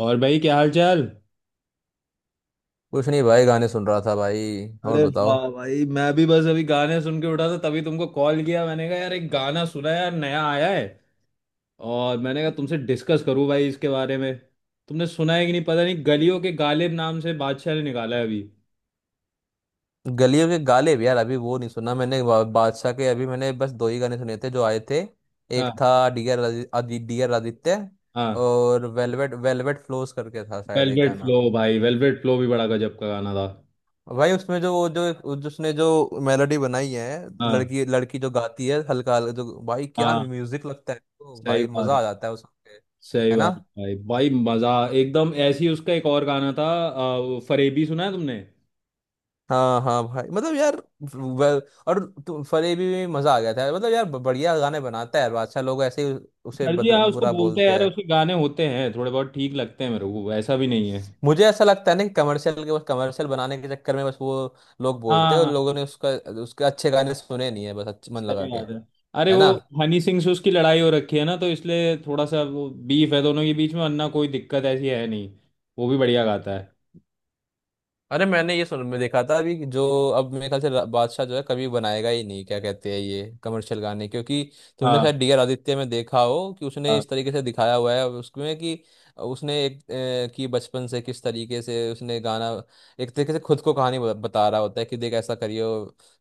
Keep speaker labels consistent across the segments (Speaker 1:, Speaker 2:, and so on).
Speaker 1: और भाई क्या हाल चाल।
Speaker 2: कुछ नहीं भाई, गाने सुन रहा था भाई। और
Speaker 1: अरे
Speaker 2: बताओ।
Speaker 1: वाह भाई, मैं भी बस अभी गाने सुन के उठा था, तभी तुमको कॉल किया। मैंने कहा यार, एक गाना सुना है यार, नया आया है। और मैंने कहा तुमसे डिस्कस करूं भाई इसके बारे में। तुमने सुना है कि नहीं पता नहीं, गलियों के गालिब नाम से बादशाह ने निकाला है अभी।
Speaker 2: गलियों के गाले भी यार अभी वो नहीं सुना मैंने। बादशाह के अभी मैंने बस दो ही गाने सुने थे जो आए थे। एक
Speaker 1: हाँ।
Speaker 2: था, डियर डियर आदित्य।
Speaker 1: हाँ,
Speaker 2: और वेलवेट वेलवेट फ्लोस करके था शायद एक
Speaker 1: वेलवेट
Speaker 2: गाना।
Speaker 1: फ्लो भाई, वेलवेट फ्लो भी बड़ा गजब का गाना था।
Speaker 2: भाई उसमें जो वो जिसने जो मेलोडी बनाई है,
Speaker 1: हाँ।
Speaker 2: लड़की लड़की जो गाती है हल्का हल्का, जो भाई क्या
Speaker 1: हाँ,
Speaker 2: म्यूजिक लगता है, तो
Speaker 1: सही
Speaker 2: भाई
Speaker 1: बात
Speaker 2: मजा
Speaker 1: है।
Speaker 2: आ जाता है उसके।
Speaker 1: सही
Speaker 2: है ना।
Speaker 1: बात है भाई, भाई मजा एकदम ऐसी। उसका एक और गाना था, वो फरेबी सुना है तुमने?
Speaker 2: हाँ हाँ भाई, मतलब यार। वे- और फरेबी में भी मजा आ गया था। मतलब यार, बढ़िया गाने बनाता है यार बादशाह, लोग ऐसे ही उसे
Speaker 1: सर्जी हाँ, उसको
Speaker 2: बुरा
Speaker 1: बोलते हैं
Speaker 2: बोलते
Speaker 1: यार।
Speaker 2: हैं।
Speaker 1: उसके गाने होते हैं थोड़े बहुत, ठीक लगते हैं मेरे को, ऐसा भी नहीं है।
Speaker 2: मुझे ऐसा लगता है ना कि कमर्शियल के, बस कमर्शियल बनाने के चक्कर में, बस वो लोग बोलते हैं। और
Speaker 1: हाँ।
Speaker 2: लोगों ने उसका, उसके अच्छे गाने सुने नहीं है बस, अच्छे मन लगा
Speaker 1: सही
Speaker 2: के।
Speaker 1: बात है। अरे
Speaker 2: है
Speaker 1: वो
Speaker 2: ना।
Speaker 1: हनी सिंह से उसकी लड़ाई हो रखी है ना, तो इसलिए थोड़ा सा वो बीफ है दोनों के बीच में, वरना कोई दिक्कत ऐसी है नहीं। वो भी बढ़िया गाता है।
Speaker 2: अरे मैंने ये सुन में देखा था अभी कि जो, अब मेरे ख्याल से बादशाह जो है कभी बनाएगा ही नहीं क्या कहते हैं ये कमर्शियल गाने, क्योंकि तुमने
Speaker 1: हाँ।
Speaker 2: शायद डीआर आदित्य में देखा हो कि उसने
Speaker 1: हाँ,
Speaker 2: इस तरीके से दिखाया हुआ है उसमें कि, उसने एक, कि बचपन से किस तरीके से उसने गाना, एक तरीके से खुद को कहानी बता रहा होता है कि देख ऐसा करियो,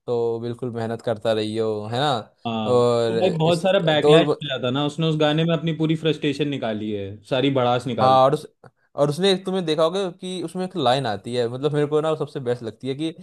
Speaker 2: तो बिल्कुल मेहनत करता रहियो। है ना।
Speaker 1: हाँ तो
Speaker 2: और
Speaker 1: भाई बहुत
Speaker 2: इस
Speaker 1: सारा बैकलैश
Speaker 2: तो,
Speaker 1: मिला था ना उसने, उस गाने में अपनी पूरी फ्रस्ट्रेशन निकाली है, सारी भड़ास
Speaker 2: हाँ,
Speaker 1: निकाल दी।
Speaker 2: और उस और उसमें एक तुमने देखा होगा कि उसमें एक लाइन आती है, मतलब मेरे को ना वो सबसे बेस्ट लगती है कि,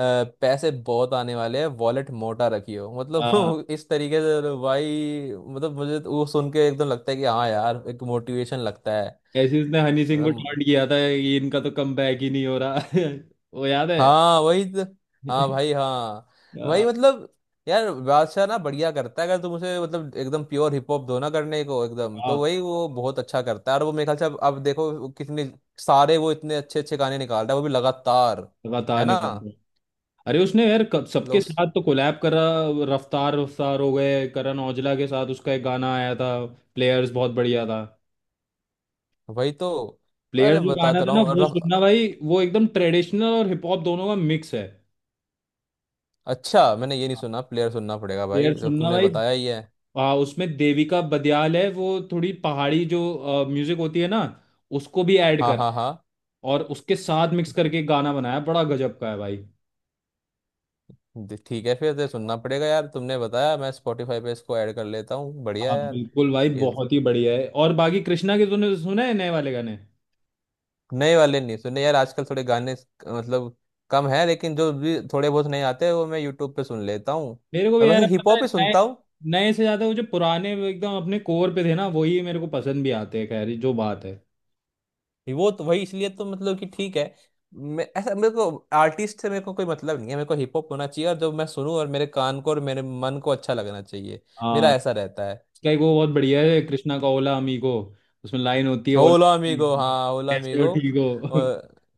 Speaker 2: पैसे बहुत आने वाले हैं, वॉलेट मोटा रखियो,
Speaker 1: हाँ,
Speaker 2: मतलब इस तरीके से। तो भाई मतलब मुझे तो वो सुन के एकदम लगता है कि हाँ यार, एक मोटिवेशन लगता है।
Speaker 1: ऐसे उसने हनी सिंह को
Speaker 2: मतलब,
Speaker 1: टॉन्ट किया था, ये इनका तो कम बैक ही नहीं हो रहा। वो याद है?
Speaker 2: हाँ वही तो। हाँ भाई हाँ। वही
Speaker 1: हाँ।
Speaker 2: मतलब, यार बादशाह ना बढ़िया करता है अगर तुम उसे, मतलब एकदम प्योर हिप हॉप दो ना करने को एकदम, तो
Speaker 1: हाँ,
Speaker 2: वही वो बहुत अच्छा करता है। और वो मेरे ख्याल से, अब देखो वो कितने सारे, वो इतने अच्छे अच्छे गाने निकाल रहा है वो भी लगातार।
Speaker 1: लगातार
Speaker 2: है ना।
Speaker 1: निकाल। अरे उसने यार क- सबके
Speaker 2: लोग,
Speaker 1: साथ तो कोलैब करा। रफ्तार, रफ्तार हो गए, करण औजला के साथ उसका एक गाना आया था, प्लेयर्स, बहुत बढ़िया था।
Speaker 2: वही तो। अरे
Speaker 1: प्लेयर्स जो गाना
Speaker 2: बताता
Speaker 1: था
Speaker 2: रहा
Speaker 1: ना,
Speaker 2: हूँ
Speaker 1: वो सुनना भाई। वो एकदम ट्रेडिशनल और हिप हॉप दोनों का मिक्स है।
Speaker 2: अच्छा, मैंने ये नहीं सुना, प्लेयर सुनना पड़ेगा भाई
Speaker 1: प्लेयर
Speaker 2: जब
Speaker 1: सुनना
Speaker 2: तुमने
Speaker 1: भाई।
Speaker 2: बताया ही है।
Speaker 1: हाँ, उसमें देविका बदियाल है, वो थोड़ी पहाड़ी जो म्यूजिक होती है ना, उसको भी ऐड
Speaker 2: हाँ
Speaker 1: कर
Speaker 2: हाँ हाँ।
Speaker 1: और उसके साथ मिक्स करके गाना बनाया, बड़ा गजब का है भाई।
Speaker 2: ठीक है, फिर तो सुनना पड़ेगा यार, तुमने बताया, मैं स्पॉटिफाई पे इसको ऐड कर लेता हूँ, बढ़िया
Speaker 1: हाँ,
Speaker 2: यार।
Speaker 1: बिल्कुल भाई,
Speaker 2: ये
Speaker 1: बहुत ही बढ़िया है। और बाकी कृष्णा के तूने सुना है नए वाले गाने?
Speaker 2: नए वाले नहीं सुने यार, आजकल थोड़े गाने मतलब कम है, लेकिन जो भी थोड़े बहुत नए आते हैं वो मैं यूट्यूब पे सुन लेता हूँ।
Speaker 1: मेरे को
Speaker 2: और
Speaker 1: भी
Speaker 2: वैसे
Speaker 1: यार
Speaker 2: हिप
Speaker 1: पता है,
Speaker 2: हॉप ही
Speaker 1: नए
Speaker 2: सुनता हूँ।
Speaker 1: नए से ज्यादा वो जो पुराने एकदम अपने कोर पे थे ना, वही मेरे को पसंद भी आते हैं। खैर ये जो बात है,
Speaker 2: वो तो वही इसलिए तो मतलब कि ठीक है, मैं ऐसा, मेरे को आर्टिस्ट से मेरे को कोई मतलब नहीं है, मेरे को हिप हॉप होना चाहिए और जो मैं सुनूं और मेरे कान को और मेरे मन को अच्छा लगना चाहिए।
Speaker 1: हाँ,
Speaker 2: मेरा ऐसा रहता है।
Speaker 1: उसका एक वो बहुत बढ़िया है, कृष्णा का ओला अमीगो। उसमें लाइन होती है, ओला,
Speaker 2: होला अमीगो, हाँ होला
Speaker 1: कैसे हो,
Speaker 2: अमीगो।
Speaker 1: ठीक हो।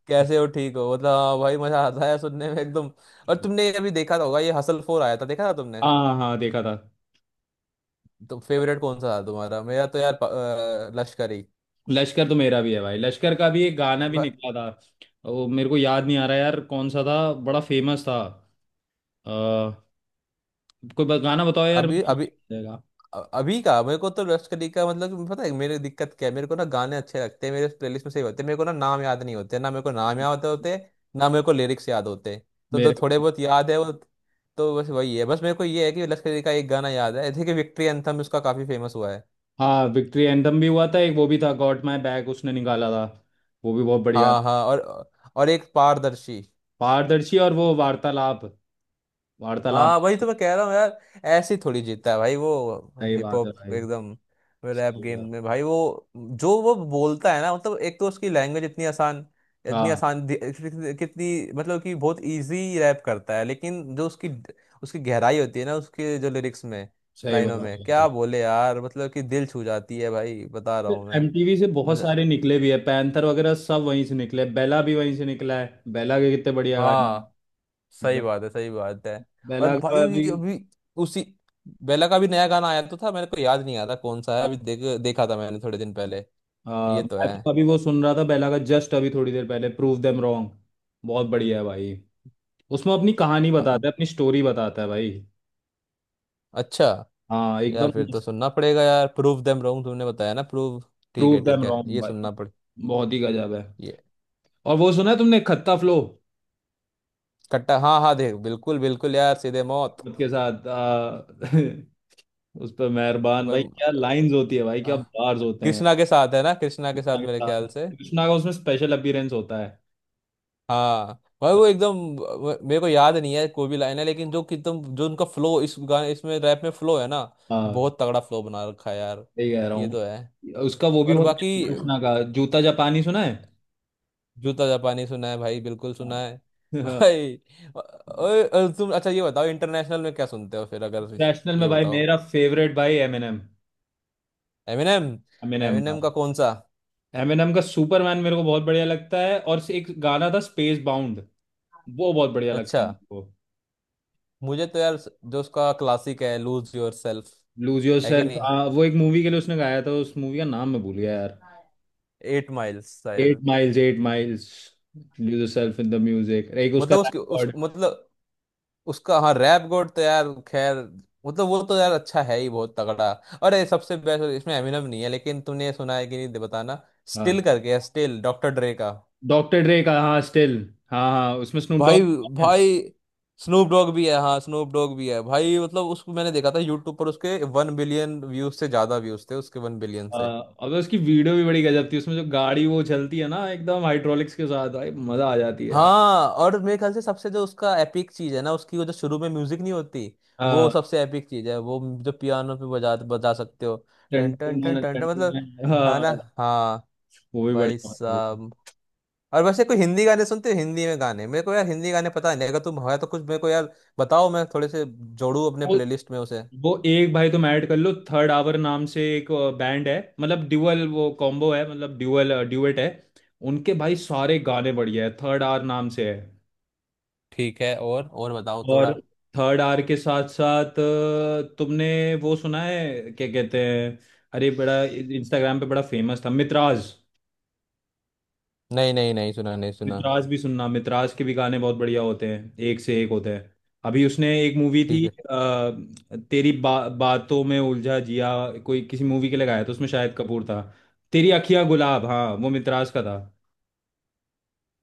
Speaker 2: कैसे हो ठीक हो, मतलब हाँ भाई, मजा आता है सुनने में एकदम। और तुमने अभी देखा तो होगा, ये हसल फोर आया था, देखा था तुमने?
Speaker 1: हाँ, हाँ देखा था।
Speaker 2: तो फेवरेट कौन सा था तुम्हारा? मेरा तो यार लश्करी।
Speaker 1: लश्कर तो मेरा भी है भाई, लश्कर का भी एक गाना भी
Speaker 2: वाह।
Speaker 1: निकला था, वो मेरे को याद नहीं आ रहा यार कौन सा था, बड़ा फेमस था। आ, कोई ब- गाना बताओ यार, मेरे
Speaker 2: अभी
Speaker 1: को
Speaker 2: अभी
Speaker 1: याद नहीं आएगा।
Speaker 2: अभी का मेरे को तो लश्करी का, मतलब कि पता है मेरी दिक्कत क्या है, मेरे को ना गाने अच्छे लगते हैं, मेरे प्लेलिस्ट में सही होते हैं, मेरे को ना नाम याद नहीं होते, ना मेरे को नाम याद होते, ना मेरे को लिरिक्स याद होते। तो जो
Speaker 1: मेरे,
Speaker 2: थोड़े बहुत याद है वो तो बस वही है। बस मेरे को ये है कि लश्करी का एक गाना याद है, जैसे कि विक्ट्री एंथम, उसका काफी फेमस हुआ है।
Speaker 1: हाँ विक्ट्री एंथम भी हुआ था। एक वो भी था, गॉट माय बैक, उसने निकाला था, वो भी बहुत बढ़िया
Speaker 2: हाँ
Speaker 1: था।
Speaker 2: हाँ। और एक पारदर्शी।
Speaker 1: पारदर्शी और वो वार्तालाप। वार्तालाप।
Speaker 2: हाँ वही तो मैं कह रहा हूँ यार, ऐसे ही थोड़ी जीतता है भाई वो,
Speaker 1: सही
Speaker 2: हिप
Speaker 1: बात है
Speaker 2: हॉप
Speaker 1: भाई।
Speaker 2: एकदम रैप
Speaker 1: सही
Speaker 2: गेम
Speaker 1: बात।
Speaker 2: में। भाई वो बोलता है ना, मतलब एक तो उसकी लैंग्वेज इतनी आसान, इतनी
Speaker 1: हाँ,
Speaker 2: आसान कितनी, मतलब कि बहुत इजी रैप करता है, लेकिन जो उसकी, उसकी गहराई होती है ना उसके जो लिरिक्स में,
Speaker 1: सही
Speaker 2: लाइनों
Speaker 1: बात
Speaker 2: में
Speaker 1: है।
Speaker 2: क्या बोले यार, मतलब कि दिल छू जाती है भाई, बता रहा हूँ मैं।
Speaker 1: एमटीवी से बहुत
Speaker 2: मुझे,
Speaker 1: सारे निकले भी है, पैंथर वगैरह सब वहीं से निकले, बेला भी वहीं से निकला है, बेला के कितने बढ़िया गाने हैं।
Speaker 2: हाँ, सही
Speaker 1: बे,
Speaker 2: बात है, सही बात है। और
Speaker 1: बेला का
Speaker 2: भाई
Speaker 1: अभी
Speaker 2: अभी उसी, बेला का भी नया गाना आया तो था, मेरे को याद नहीं आ रहा कौन सा है,
Speaker 1: हाँ।
Speaker 2: अभी देख देखा था मैंने थोड़े दिन पहले।
Speaker 1: हाँ,
Speaker 2: ये तो
Speaker 1: मैं
Speaker 2: है।
Speaker 1: तो अभी वो सुन रहा था, बेला का, जस्ट अभी थोड़ी देर पहले, प्रूव देम रॉन्ग। बहुत बढ़िया है भाई, उसमें अपनी कहानी
Speaker 2: अ-
Speaker 1: बताता है, अपनी स्टोरी बताता है भाई।
Speaker 2: अच्छा।
Speaker 1: हाँ
Speaker 2: यार
Speaker 1: एकदम।
Speaker 2: फिर तो सुनना पड़ेगा यार, प्रूव देम रॉन्ग तुमने बताया ना, प्रूव, ठीक है
Speaker 1: प्रूव देम
Speaker 2: ठीक है,
Speaker 1: रॉन्ग
Speaker 2: ये
Speaker 1: भाई,
Speaker 2: सुनना पड़े।
Speaker 1: बहुत ही गजब है।
Speaker 2: ये
Speaker 1: और वो सुना है तुमने, खत्ता फ्लो
Speaker 2: कट्टा, हाँ हाँ, देख बिल्कुल बिल्कुल यार, सीधे मौत।
Speaker 1: के साथ उस पर मेहरबान भाई,
Speaker 2: बल-
Speaker 1: क्या लाइंस होती है भाई, क्या
Speaker 2: अ,
Speaker 1: बार्स होते हैं।
Speaker 2: कृष्णा के साथ है ना, कृष्णा के
Speaker 1: कृष्णा
Speaker 2: साथ
Speaker 1: के
Speaker 2: मेरे
Speaker 1: साथ,
Speaker 2: ख्याल से।
Speaker 1: कृष्णा का उसमें स्पेशल अपीयरेंस होता है।
Speaker 2: हाँ भाई वो एकदम मेरे को याद नहीं है कोई भी लाइन है, लेकिन जो कि तुम जो उनका फ्लो, इस गाने इसमें रैप में फ्लो है ना,
Speaker 1: हाँ,
Speaker 2: बहुत तगड़ा फ्लो बना रखा है यार।
Speaker 1: सही कह रहा
Speaker 2: ये तो है।
Speaker 1: हूँ, उसका वो भी
Speaker 2: और
Speaker 1: बहुत
Speaker 2: बाकी
Speaker 1: अच्छा है। कृष्णा का जूता जापानी सुना है?
Speaker 2: जूता जापानी सुना है भाई, बिल्कुल सुना
Speaker 1: हाँ।
Speaker 2: है। भाई, तुम अच्छा ये बताओ, इंटरनेशनल में क्या सुनते हो फिर, अगर
Speaker 1: इंटरनेशनल में
Speaker 2: ये
Speaker 1: भाई,
Speaker 2: बताओ।
Speaker 1: मेरा फेवरेट भाई एमिनेम।
Speaker 2: एमिनेम,
Speaker 1: एमिनेम
Speaker 2: एमिनेम
Speaker 1: भाई,
Speaker 2: का कौन सा?
Speaker 1: एमिनेम का सुपरमैन मेरे को बहुत बढ़िया लगता है, और एक गाना था स्पेस बाउंड, वो बहुत बढ़िया लगता
Speaker 2: अच्छा।
Speaker 1: है मेरे को।
Speaker 2: मुझे तो यार जो उसका क्लासिक है, lose yourself,
Speaker 1: lose your
Speaker 2: है कि
Speaker 1: सेल्फ,
Speaker 2: नहीं?
Speaker 1: वो एक मूवी के लिए उसने गाया था, उस मूवी का नाम मैं भूल गया यार।
Speaker 2: एट माइल्स
Speaker 1: एट
Speaker 2: शायद।
Speaker 1: Miles, eight miles. Lose yourself in the music, एक उसका
Speaker 2: मतलब उसके उस
Speaker 1: रिकॉर्ड।
Speaker 2: मतलब, उसका, हाँ रैप गॉड तो यार खैर, मतलब वो तो यार अच्छा है ही, बहुत तगड़ा। अरे सबसे बेस्ट तो, इसमें एमिनम नहीं है लेकिन, तूने सुना है कि नहीं बताना,
Speaker 1: हाँ,
Speaker 2: स्टिल करके है, स्टिल, डॉक्टर ड्रे का।
Speaker 1: डॉक्टर ड्रे का, हाँ स्टिल। हाँ, हाँ उसमें स्नूप
Speaker 2: भाई,
Speaker 1: डॉग।
Speaker 2: भाई स्नूप डॉग भी है, हाँ स्नूप डॉग भी है भाई, मतलब उसको मैंने देखा था यूट्यूब पर, उसके वन बिलियन व्यूज से ज्यादा व्यूज थे, उसके वन बिलियन से।
Speaker 1: अब तो उसकी वीडियो भी बड़ी गजब थी, उसमें जो गाड़ी वो चलती है ना एकदम हाइड्रोलिक्स के साथ, भाई मजा आ जाती है यार।
Speaker 2: हाँ, और मेरे ख्याल से सबसे जो उसका एपिक चीज है ना, उसकी वो जो शुरू में म्यूजिक नहीं होती, वो
Speaker 1: हाँ,
Speaker 2: सबसे एपिक चीज है, वो जो पियानो पे बजा बजा सकते हो।
Speaker 1: टन-
Speaker 2: टन टन
Speaker 1: टन-
Speaker 2: टन
Speaker 1: टन-
Speaker 2: टन
Speaker 1: टन-
Speaker 2: टन, मतलब,
Speaker 1: टन-
Speaker 2: हाँ
Speaker 1: हाँ।
Speaker 2: ना, हाँ।
Speaker 1: वो भी
Speaker 2: भाई
Speaker 1: बढ़िया बात
Speaker 2: साहब, और वैसे कोई हिंदी गाने सुनते हो? हिंदी में गाने मेरे को यार, हिंदी गाने पता नहीं, अगर तुम हो तो कुछ मेरे को यार बताओ, मैं थोड़े से जोड़ू अपने
Speaker 1: है।
Speaker 2: प्लेलिस्ट में उसे।
Speaker 1: वो एक भाई तुम ऐड कर लो, थर्ड आवर नाम से एक बैंड है, मतलब ड्यूअल वो कॉम्बो है, मतलब ड्यूअल ड्यूएट है। उनके भाई सारे गाने बढ़िया है, थर्ड आवर नाम से है।
Speaker 2: ठीक है, और बताओ
Speaker 1: और
Speaker 2: थोड़ा।
Speaker 1: थर्ड आवर के साथ साथ तुमने वो सुना है, क्या कहते हैं, अरे बड़ा इंस्टाग्राम पे बड़ा फेमस था, मित्राज।
Speaker 2: नहीं नहीं, नहीं सुना, नहीं सुना।
Speaker 1: मित्राज भी सुनना, मित्राज के भी गाने बहुत बढ़िया होते हैं, एक से एक होते हैं। अभी उसने एक मूवी
Speaker 2: ठीक
Speaker 1: थी
Speaker 2: है,
Speaker 1: तेरी बा, बातों में उलझा जिया, कोई किसी मूवी के लिए गाया था, उसमें शाहिद कपूर था। तेरी अखियां गुलाब, हाँ वो मित्राज का था।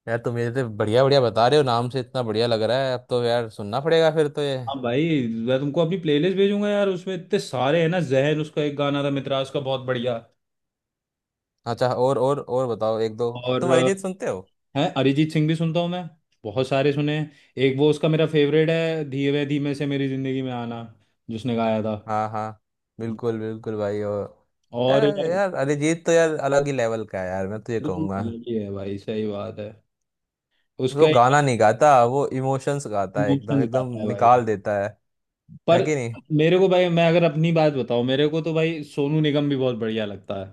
Speaker 2: यार तुम ये तो बढ़िया बढ़िया बता रहे हो, नाम से इतना बढ़िया लग रहा है, अब तो यार सुनना पड़ेगा फिर तो ये।
Speaker 1: हाँ भाई, मैं तुमको अपनी प्लेलिस्ट भेजूंगा यार, उसमें इतने सारे हैं ना, जहन उसका एक गाना था, मित्राज का, बहुत बढ़िया।
Speaker 2: अच्छा, और बताओ एक दो।
Speaker 1: और
Speaker 2: तुम अरिजीत सुनते हो?
Speaker 1: है, अरिजीत सिंह भी सुनता हूँ मैं, बहुत सारे सुने हैं। एक वो उसका मेरा फेवरेट है, धीरे धीमे से मेरी जिंदगी में आना, जिसने गाया था।
Speaker 2: हाँ हाँ बिल्कुल बिल्कुल भाई, और
Speaker 1: और
Speaker 2: यार
Speaker 1: यार,
Speaker 2: यार अरिजीत तो यार अलग ही लेवल का है यार, मैं तो ये
Speaker 1: बिल्कुल
Speaker 2: कहूंगा
Speaker 1: अलग ही है भाई, सही बात है। उसका
Speaker 2: वो
Speaker 1: ही
Speaker 2: गाना नहीं गाता, वो इमोशंस गाता है एकदम,
Speaker 1: इमोशंस
Speaker 2: एकदम
Speaker 1: गाता है भाई,
Speaker 2: निकाल देता है
Speaker 1: पर
Speaker 2: है कि नहीं?
Speaker 1: मेरे को भाई, मैं अगर अपनी बात बताऊं, मेरे को तो भाई सोनू निगम भी बहुत बढ़िया लगता है।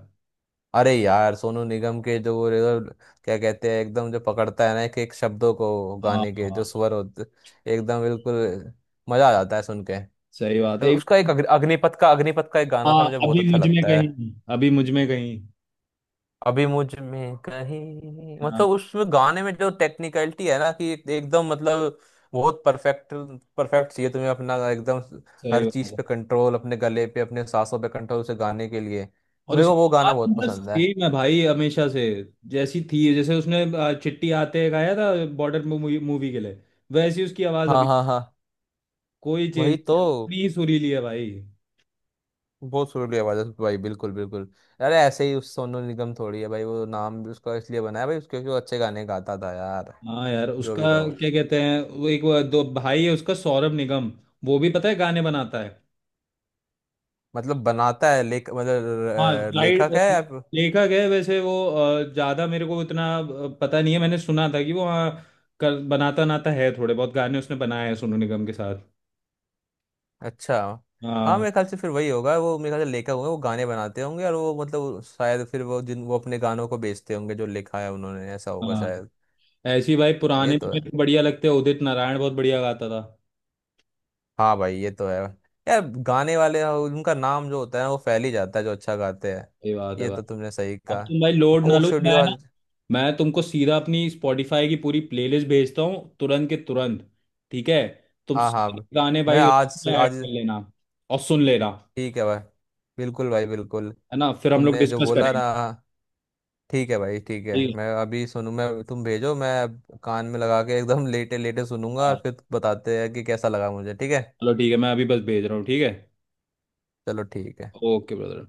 Speaker 2: अरे यार सोनू निगम के जो वो क्या कहते हैं, एकदम जो पकड़ता है ना एक एक शब्दों को,
Speaker 1: हाँ।
Speaker 2: गाने के जो
Speaker 1: हाँ,
Speaker 2: स्वर होते, एकदम बिल्कुल, मजा आ जाता है सुन के।
Speaker 1: सही बात है एक।
Speaker 2: उसका एक अग्निपथ का, अग्निपथ का एक गाना था
Speaker 1: हाँ,
Speaker 2: मुझे बहुत
Speaker 1: अभी
Speaker 2: अच्छा
Speaker 1: मुझ में
Speaker 2: लगता है।
Speaker 1: कहीं, अभी मुझ में कहीं।
Speaker 2: अभी मुझ में कहीं,
Speaker 1: हाँ,
Speaker 2: मतलब उसमें गाने में जो टेक्निकलिटी है ना कि एकदम मतलब बहुत परफेक्ट, परफेक्ट चाहिए तुम्हें अपना एकदम,
Speaker 1: सही
Speaker 2: हर
Speaker 1: बात
Speaker 2: चीज पे
Speaker 1: है।
Speaker 2: कंट्रोल, अपने गले पे अपने सांसों पे कंट्रोल उसे गाने के लिए।
Speaker 1: और
Speaker 2: मेरे
Speaker 1: उसकी
Speaker 2: को वो गाना
Speaker 1: बात
Speaker 2: बहुत
Speaker 1: बस
Speaker 2: पसंद है।
Speaker 1: सेम है भाई हमेशा से, जैसी थी, जैसे उसने चिट्ठी आते गाया था, बॉर्डर मूवी, मूवी के लिए, वैसी उसकी आवाज़
Speaker 2: हाँ
Speaker 1: अभी
Speaker 2: हाँ हाँ,
Speaker 1: कोई चेंज
Speaker 2: वही
Speaker 1: नहीं
Speaker 2: तो,
Speaker 1: है, उतनी ही सुरीली है भाई।
Speaker 2: बहुत सुरीली आवाज है भाई, बिल्कुल बिल्कुल। अरे ऐसे ही उस सोनू निगम थोड़ी है भाई, वो नाम भी उसका इसलिए बनाया भाई उसके, क्योंकि वो अच्छे गाने गाता था यार,
Speaker 1: हाँ यार,
Speaker 2: जो
Speaker 1: उसका
Speaker 2: भी कहो।
Speaker 1: क्या कहते हैं, वो एक वो दो भाई है उसका, सौरभ निगम, वो भी पता है गाने बनाता है।
Speaker 2: मतलब बनाता है, लेख
Speaker 1: हाँ
Speaker 2: मतलब
Speaker 1: राइट,
Speaker 2: लेखक है या?
Speaker 1: लेखक है वैसे वो, ज्यादा मेरे को इतना पता नहीं है, मैंने सुना था कि वो, हाँ, कर बनाता नाता है, थोड़े बहुत गाने उसने बनाए हैं सोनू निगम के साथ।
Speaker 2: अच्छा। हाँ
Speaker 1: हाँ।
Speaker 2: मेरे ख्याल से फिर वही होगा, वो मेरे ख्याल से लेखक होंगे, वो गाने बनाते होंगे, और वो मतलब शायद फिर वो जिन, वो अपने गानों को बेचते होंगे जो लिखा है उन्होंने, ऐसा होगा
Speaker 1: हाँ,
Speaker 2: शायद।
Speaker 1: ऐसी भाई
Speaker 2: ये
Speaker 1: पुराने भी
Speaker 2: तो है,
Speaker 1: मेरे को बढ़िया लगते हैं, उदित नारायण बहुत बढ़िया गाता था।
Speaker 2: हाँ भाई ये तो है। यार गाने वाले उनका नाम जो होता है वो फैल ही जाता है जो अच्छा गाते हैं।
Speaker 1: ये बात है
Speaker 2: ये
Speaker 1: भाई।
Speaker 2: तो तुमने सही
Speaker 1: अब
Speaker 2: कहा।
Speaker 1: तुम भाई लोड ना
Speaker 2: कोक
Speaker 1: लो,
Speaker 2: स्टूडियो।
Speaker 1: मैं ना, मैं तुमको सीधा अपनी स्पॉटिफाई की पूरी प्लेलिस्ट भेजता हूँ, तुरंत के तुरंत। ठीक है, तुम
Speaker 2: हाँ हाँ,
Speaker 1: सारे गाने
Speaker 2: मैं
Speaker 1: भाई
Speaker 2: आज
Speaker 1: उसमें ऐड
Speaker 2: आज
Speaker 1: कर लेना और सुन लेना।
Speaker 2: ठीक है भाई, बिल्कुल भाई बिल्कुल,
Speaker 1: है ना, फिर हम लोग
Speaker 2: तुमने जो
Speaker 1: डिस्कस
Speaker 2: बोला
Speaker 1: करेंगे।
Speaker 2: ना। ठीक है भाई, ठीक है
Speaker 1: ठीक
Speaker 2: मैं अभी सुनू, मैं, तुम भेजो, मैं अब कान में लगा के एकदम लेटे लेटे
Speaker 1: है।
Speaker 2: सुनूंगा और
Speaker 1: हाँ,
Speaker 2: फिर बताते हैं कि कैसा लगा मुझे, ठीक है।
Speaker 1: चलो ठीक है, मैं अभी बस भेज रहा हूँ, ठीक है?
Speaker 2: चलो ठीक है।
Speaker 1: Okay brother.